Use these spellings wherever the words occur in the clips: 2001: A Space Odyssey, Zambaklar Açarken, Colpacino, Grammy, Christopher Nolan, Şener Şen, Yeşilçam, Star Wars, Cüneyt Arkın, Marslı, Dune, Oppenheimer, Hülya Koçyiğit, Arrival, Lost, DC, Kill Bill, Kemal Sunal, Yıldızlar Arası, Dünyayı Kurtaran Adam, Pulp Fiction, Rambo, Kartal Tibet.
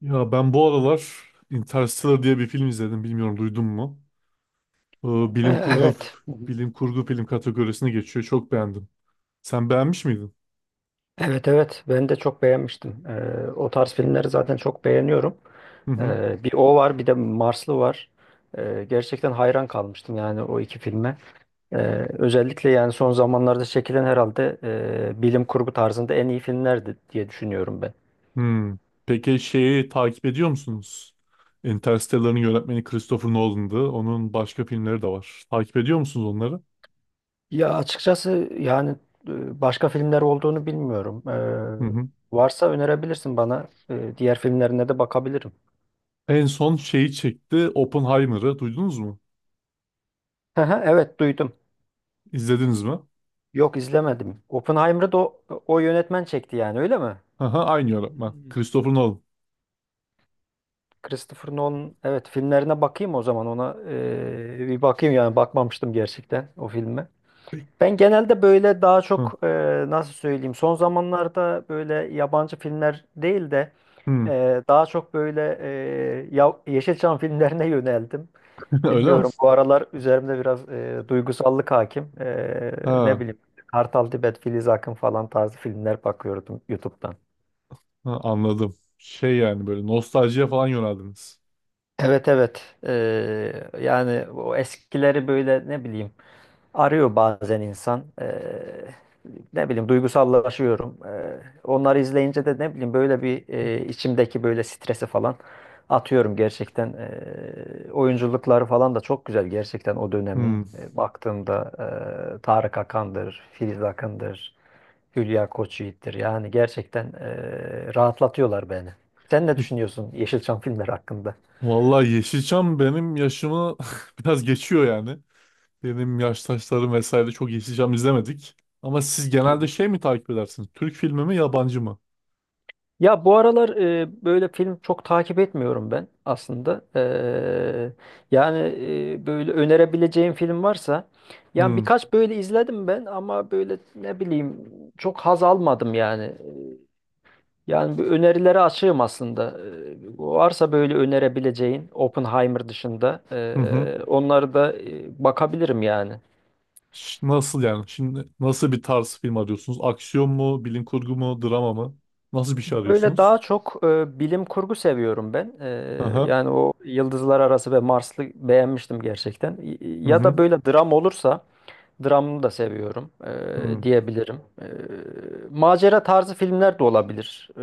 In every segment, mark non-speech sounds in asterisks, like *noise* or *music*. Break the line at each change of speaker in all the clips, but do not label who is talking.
Ya ben bu aralar Interstellar diye bir film izledim. Bilmiyorum duydun mu? Ee, bilim kurgu
Evet. Hı hı.
bilim kurgu film kategorisine geçiyor. Çok beğendim. Sen beğenmiş miydin?
Evet evet, ben de çok beğenmiştim. O tarz filmleri zaten çok beğeniyorum.
Hı hı.
Bir o var bir de Marslı var. Gerçekten hayran kalmıştım yani o iki filme. E, Özellikle yani son zamanlarda çekilen herhalde bilim kurgu tarzında en iyi filmlerdi diye düşünüyorum ben.
Hmm. Peki şeyi takip ediyor musunuz? Interstellar'ın yönetmeni Christopher Nolan'dı. Onun başka filmleri de var. Takip ediyor musunuz onları?
Ya açıkçası yani başka filmler olduğunu bilmiyorum.
Hı hı.
Varsa önerebilirsin bana. Diğer filmlerine de bakabilirim.
En son şeyi çekti Oppenheimer'ı. Duydunuz mu?
Hı hı, evet duydum.
İzlediniz mi?
Yok, izlemedim. Oppenheimer'ı da o yönetmen çekti yani, öyle mi?
Aha, aynı yönetmen. Christopher Nolan.
Christopher Nolan, evet, filmlerine bakayım o zaman, ona bir bakayım yani, bakmamıştım gerçekten o filme. Ben genelde böyle daha
Hı.
çok nasıl söyleyeyim, son zamanlarda böyle yabancı filmler değil de
Hı.
daha çok böyle ya, Yeşilçam *laughs* filmlerine yöneldim.
*laughs* Öyle mi?
Bilmiyorum, bu aralar üzerimde biraz duygusallık hakim. Ne
Ha.
bileyim, Kartal Tibet, Filiz Akın falan tarzı filmler bakıyordum YouTube'dan.
Ha, anladım. Şey yani böyle nostaljiye falan yöneldiniz.
Evet evet, yani o eskileri böyle, ne bileyim, arıyor bazen insan, ne bileyim duygusallaşıyorum, onları izleyince de, ne bileyim, böyle bir, içimdeki böyle stresi falan atıyorum gerçekten, oyunculukları falan da çok güzel gerçekten o
Hmm.
dönemin, baktığımda Tarık Akan'dır, Filiz Akın'dır, Hülya Koçyiğit'tir, yani gerçekten rahatlatıyorlar beni. Sen ne
Peki.
düşünüyorsun Yeşilçam filmleri hakkında?
Vallahi Yeşilçam benim yaşımı *laughs* biraz geçiyor yani. Benim yaştaşlarım vesaire çok Yeşilçam izlemedik. Ama siz
Hı
genelde
hı.
şey mi takip edersiniz? Türk filmi mi yabancı mı?
Ya, bu aralar böyle film çok takip etmiyorum ben aslında. Yani böyle önerebileceğim film varsa, yani
Hmm.
birkaç böyle izledim ben, ama böyle, ne bileyim, çok haz almadım yani. Yani bu önerilere açığım aslında. Varsa böyle önerebileceğin, Oppenheimer dışında,
Hı hı.
onları da bakabilirim yani.
Nasıl yani? Şimdi nasıl bir tarz film arıyorsunuz? Aksiyon mu? Bilim kurgu mu? Drama mı? Nasıl bir şey
Böyle
arıyorsunuz?
daha çok bilim kurgu seviyorum ben.
Aha.
Yani o Yıldızlar Arası ve Marslı beğenmiştim gerçekten.
Hı
Ya da
hı.
böyle dram olursa, dramını da seviyorum
Hı.
diyebilirim. Macera tarzı filmler de olabilir.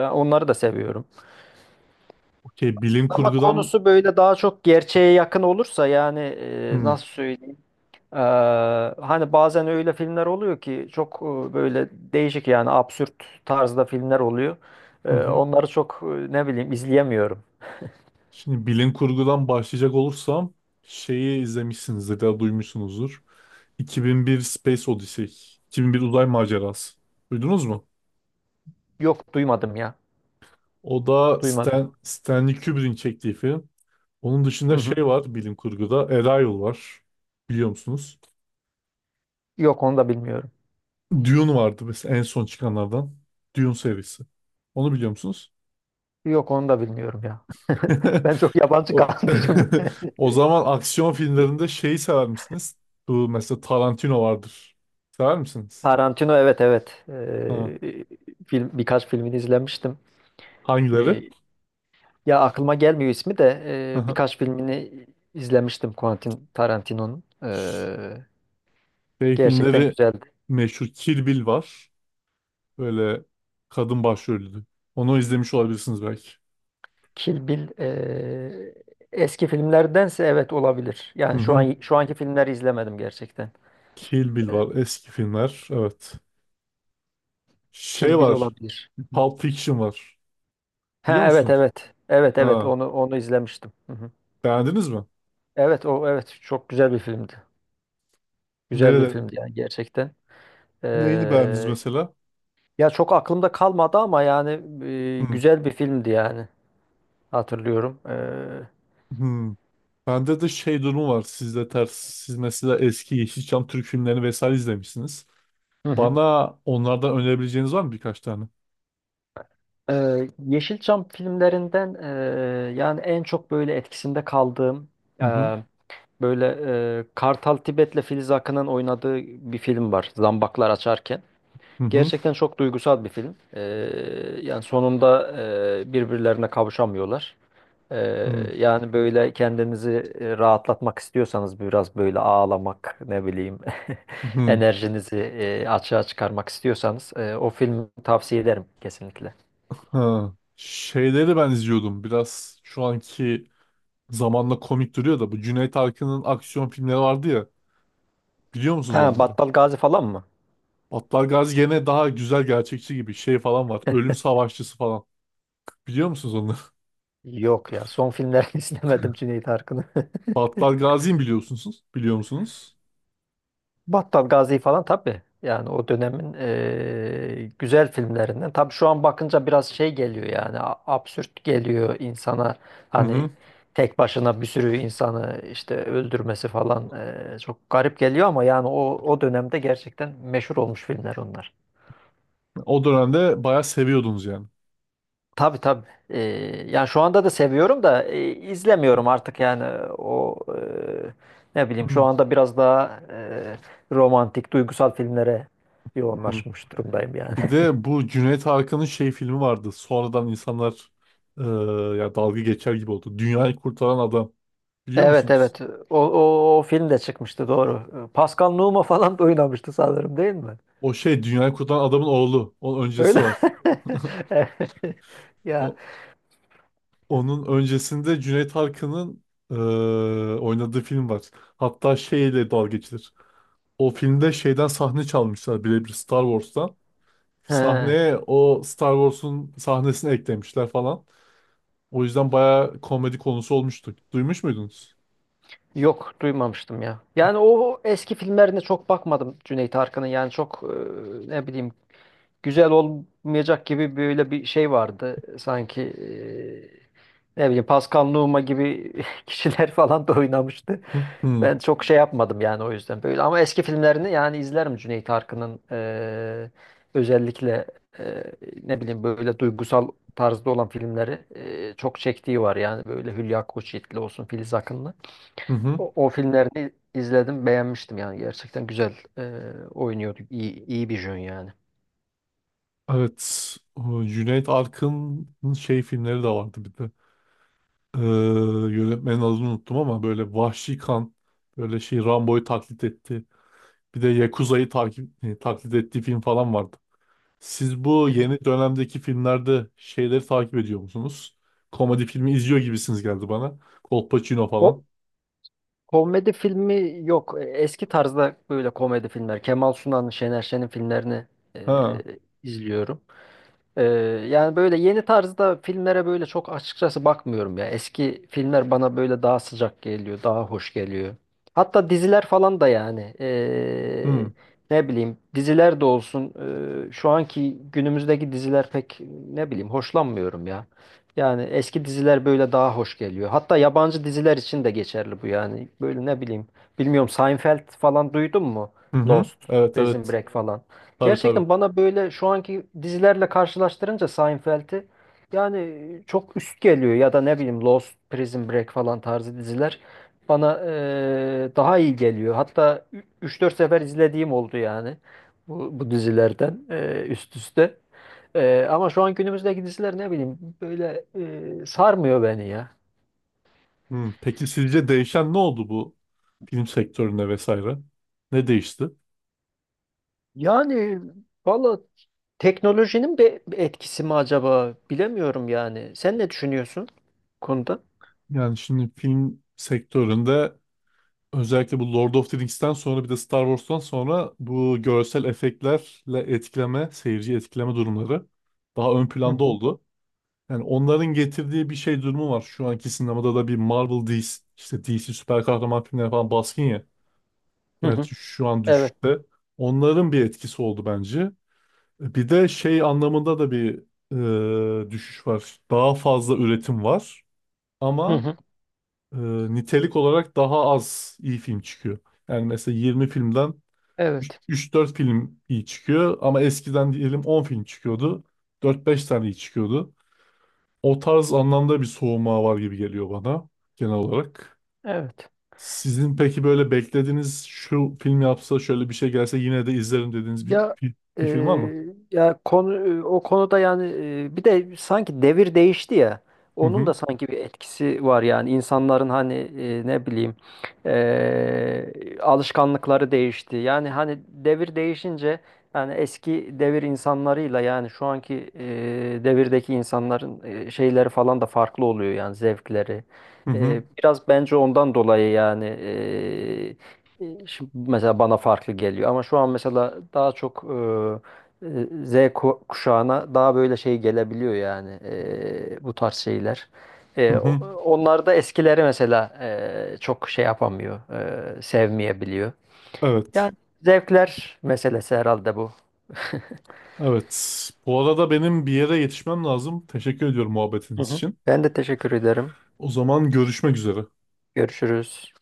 Ya, onları da seviyorum.
Okey. Bilim
Ama
kurgudan...
konusu böyle daha çok gerçeğe yakın olursa yani,
Hı
nasıl söyleyeyim? Ee, Hani bazen öyle filmler oluyor ki çok böyle değişik, yani absürt tarzda filmler oluyor.
hı. Hı.
Onları çok, ne bileyim, izleyemiyorum.
Şimdi bilim kurgudan başlayacak olursam şeyi izlemişsinizdir ya da duymuşsunuzdur. 2001 Space Odyssey. 2001 Uzay Macerası. Duydunuz mu?
Yok, duymadım ya.
O da
Duymadım.
Stanley Kubrick'in çektiği film. Onun
Hı
dışında
hı.
şey var bilim kurguda. Arrival var. Biliyor musunuz?
Yok, onu da bilmiyorum.
Dune vardı mesela en son çıkanlardan. Dune serisi. Onu biliyor musunuz?
Yok, onu da bilmiyorum ya. *laughs*
*laughs*
Ben çok yabancı
O,
kalmışım.
*laughs* O zaman aksiyon filmlerinde şeyi sever misiniz? Bu mesela Tarantino vardır. Sever
*laughs*
misiniz?
Tarantino, evet evet.
Ha,
Film, birkaç filmini izlemiştim.
hangileri?
Ee, Ya, aklıma gelmiyor ismi de, birkaç
*laughs*
filmini izlemiştim Quentin Tarantino'nun.
Şey
Gerçekten
filmleri
güzeldi.
meşhur Kill Bill var. Böyle kadın başrollü. Onu izlemiş olabilirsiniz belki.
Kill Bill, eski filmlerdense evet, olabilir.
Hı
Yani şu
hı.
an, şu anki filmleri izlemedim gerçekten.
Kill Bill
Eee,
var. Eski filmler. Evet. Şey
Kill Bill
var.
olabilir.
Pulp Fiction var. Biliyor
Ha, evet
musunuz?
evet. Evet evet,
Ha,
onu izlemiştim. Hı hı.
beğendiniz mi?
Evet, o, evet, çok güzel bir filmdi. Güzel bir
Nerede?
filmdi yani gerçekten.
Neyini beğendiniz
Eee,
mesela?
Ya, çok aklımda kalmadı ama yani,
Hı.
güzel bir filmdi yani, hatırlıyorum.
Hı. Bende de şey durumu var. Sizde ters. Siz mesela eski Yeşilçam Türk filmlerini vesaire izlemişsiniz.
Hı hı.
Bana onlardan önerebileceğiniz var mı birkaç tane?
Yeşilçam filmlerinden, yani en çok böyle etkisinde kaldığım,
Hı hı.
böyle, Kartal Tibet'le Filiz Akın'ın oynadığı bir film var. Zambaklar Açarken.
Hı hı.
Gerçekten çok duygusal bir film. Yani sonunda birbirlerine kavuşamıyorlar. E,
Hı.
Yani böyle kendinizi rahatlatmak istiyorsanız biraz, böyle ağlamak, ne bileyim, *laughs*
Hı,
enerjinizi açığa çıkarmak istiyorsanız o filmi tavsiye ederim kesinlikle.
ha. Şeyleri ben izliyordum. Biraz şu anki zamanla komik duruyor da bu Cüneyt Arkın'ın aksiyon filmleri vardı ya. Biliyor musunuz
Ha,
onları?
Battal Gazi falan mı?
Battal Gazi gene daha güzel gerçekçi gibi şey falan var. Ölüm Savaşçısı falan. Biliyor musunuz onları?
Yok ya, son filmlerini *laughs* izlemedim Cüneyt Arkın'ın.
*laughs* Battal Gazi'yi mi biliyorsunuz? Biliyor musunuz?
Battal Gazi falan tabii. Yani o dönemin, güzel filmlerinden. Tabii şu an bakınca biraz şey geliyor yani, absürt geliyor insana.
Hı
Hani
hı.
tek başına bir sürü insanı işte öldürmesi falan, çok garip geliyor ama yani, o, o dönemde gerçekten meşhur olmuş filmler onlar.
O dönemde bayağı seviyordunuz yani.
Tabii tabii. Yani şu anda da seviyorum da, izlemiyorum artık yani o, ne bileyim, şu
Hı
anda biraz daha romantik, duygusal filmlere
hı.
yoğunlaşmış durumdayım yani.
Bir
*laughs*
de bu Cüneyt Arkın'ın şey filmi vardı. Sonradan insanlar eee, ya dalga geçer gibi oldu. Dünyayı Kurtaran Adam. Biliyor
Evet
musunuz?
evet. O film de çıkmıştı, doğru. Pascal Nouma falan da oynamıştı sanırım, değil mi?
O şey dünyayı kurtaran adamın oğlu. Onun öncesi
Öyle.
var.
*laughs* Evet. Ya.
O, Onun öncesinde Cüneyt Arkın'ın eee, oynadığı film var. Hatta şeyle dalga geçilir. O filmde şeyden sahne çalmışlar birebir Star Wars'tan.
He.
Sahneye o Star Wars'un sahnesini eklemişler falan. O yüzden bayağı komedi konusu olmuştu. Duymuş muydunuz?
Yok, duymamıştım ya. Yani o eski filmlerine çok bakmadım Cüneyt Arkın'ın. Yani çok, ne bileyim, güzel olmayacak gibi böyle bir şey vardı. Sanki ne bileyim, Pascal Nouma gibi *laughs* kişiler falan da oynamıştı.
Hı hı.
Ben çok şey yapmadım yani, o yüzden böyle. Ama eski filmlerini yani izlerim Cüneyt Arkın'ın, özellikle e, ne bileyim böyle duygusal tarzda olan filmleri çok çektiği var yani, böyle Hülya Koçyiğit'li olsun, Filiz Akın'la.
Hı hı.
O, o filmlerini izledim, beğenmiştim yani, gerçekten güzel oynuyordu. İyi, iyi bir jön yani.
Evet. O Cüneyt Arkın'ın şey filmleri de vardı bir de. Ee, Yönetmenin adını unuttum ama böyle vahşi kan böyle şey Rambo'yu taklit etti. Bir de Yakuza'yı taklit ettiği film falan vardı. Siz bu
Evet.
yeni dönemdeki filmlerde şeyleri takip ediyor musunuz? Komedi filmi izliyor gibisiniz geldi bana. Colpacino
O
falan.
komedi filmi yok. Eski tarzda böyle komedi filmler. Kemal Sunal'ın, Şener Şen'in filmlerini
Ha.
izliyorum. Ee, Yani böyle yeni tarzda filmlere böyle çok açıkçası bakmıyorum ya. Eski filmler bana böyle daha sıcak geliyor, daha hoş geliyor. Hatta diziler falan da yani,
Hı.
ne bileyim, diziler de olsun, şu anki günümüzdeki diziler pek, ne bileyim, hoşlanmıyorum ya. Yani eski diziler böyle daha hoş geliyor. Hatta yabancı diziler için de geçerli bu yani. Böyle, ne bileyim. Bilmiyorum, Seinfeld falan duydun mu?
Hı hı.
Lost,
Evet,
Prison
evet.
Break falan.
Tabii, tabii.
Gerçekten bana böyle şu anki dizilerle karşılaştırınca Seinfeld'i, yani çok üst geliyor, ya da ne bileyim, Lost, Prison Break falan tarzı diziler bana, daha iyi geliyor. Hatta üç dört sefer izlediğim oldu yani bu dizilerden, üst üste. Ama şu an günümüzdeki diziler, ne bileyim, böyle, sarmıyor beni ya.
Hı. Peki sizce değişen ne oldu bu film sektöründe vesaire? Ne değişti?
Yani, valla, teknolojinin bir etkisi mi acaba, bilemiyorum yani. Sen ne düşünüyorsun bu konuda?
Yani şimdi film sektöründe özellikle bu Lord of the Rings'ten sonra bir de Star Wars'tan sonra bu görsel efektlerle etkileme, seyirci etkileme durumları daha ön
Hı
planda
hı.
oldu. Yani onların getirdiği bir şey durumu var. Şu anki sinemada da bir Marvel DC, işte DC süper kahraman filmleri falan baskın ya.
Hı hı.
Gerçi şu an
Evet.
düşüşte. Onların bir etkisi oldu bence. Bir de şey anlamında da bir düşüş var. Daha fazla üretim var
Hı
ama
hı.
e, nitelik olarak daha az iyi film çıkıyor. Yani mesela 20 filmden
Evet.
üç dört film iyi çıkıyor ama eskiden diyelim 10 film çıkıyordu. Dört beş tane iyi çıkıyordu. O tarz anlamda bir soğuma var gibi geliyor bana genel olarak.
Evet.
Sizin peki böyle beklediğiniz şu film yapsa şöyle bir şey gelse yine de izlerim dediğiniz bir,
Ya,
bir,
e,
bir film var mı?
ya konu, o konuda yani, bir de sanki devir değişti ya.
Hı
Onun
hı,
da sanki bir etkisi var yani, insanların hani, ne bileyim, alışkanlıkları değişti. Yani hani devir değişince, yani eski devir insanlarıyla yani şu anki devirdeki insanların şeyleri falan da farklı oluyor yani, zevkleri.
hı hı,
Biraz bence ondan dolayı yani, şimdi mesela bana farklı geliyor ama şu an mesela daha çok, Z kuşağına daha böyle şey gelebiliyor yani, bu tarz şeyler.
hı
E, o-
hı.
Onlar da eskileri mesela çok şey yapamıyor, sevmeyebiliyor.
Evet,
Yani zevkler meselesi herhalde bu.
evet. Bu arada benim bir yere yetişmem lazım. Teşekkür ediyorum
Hı
muhabbetiniz
hı.
için.
Ben de teşekkür ederim.
O zaman görüşmek üzere.
Görüşürüz.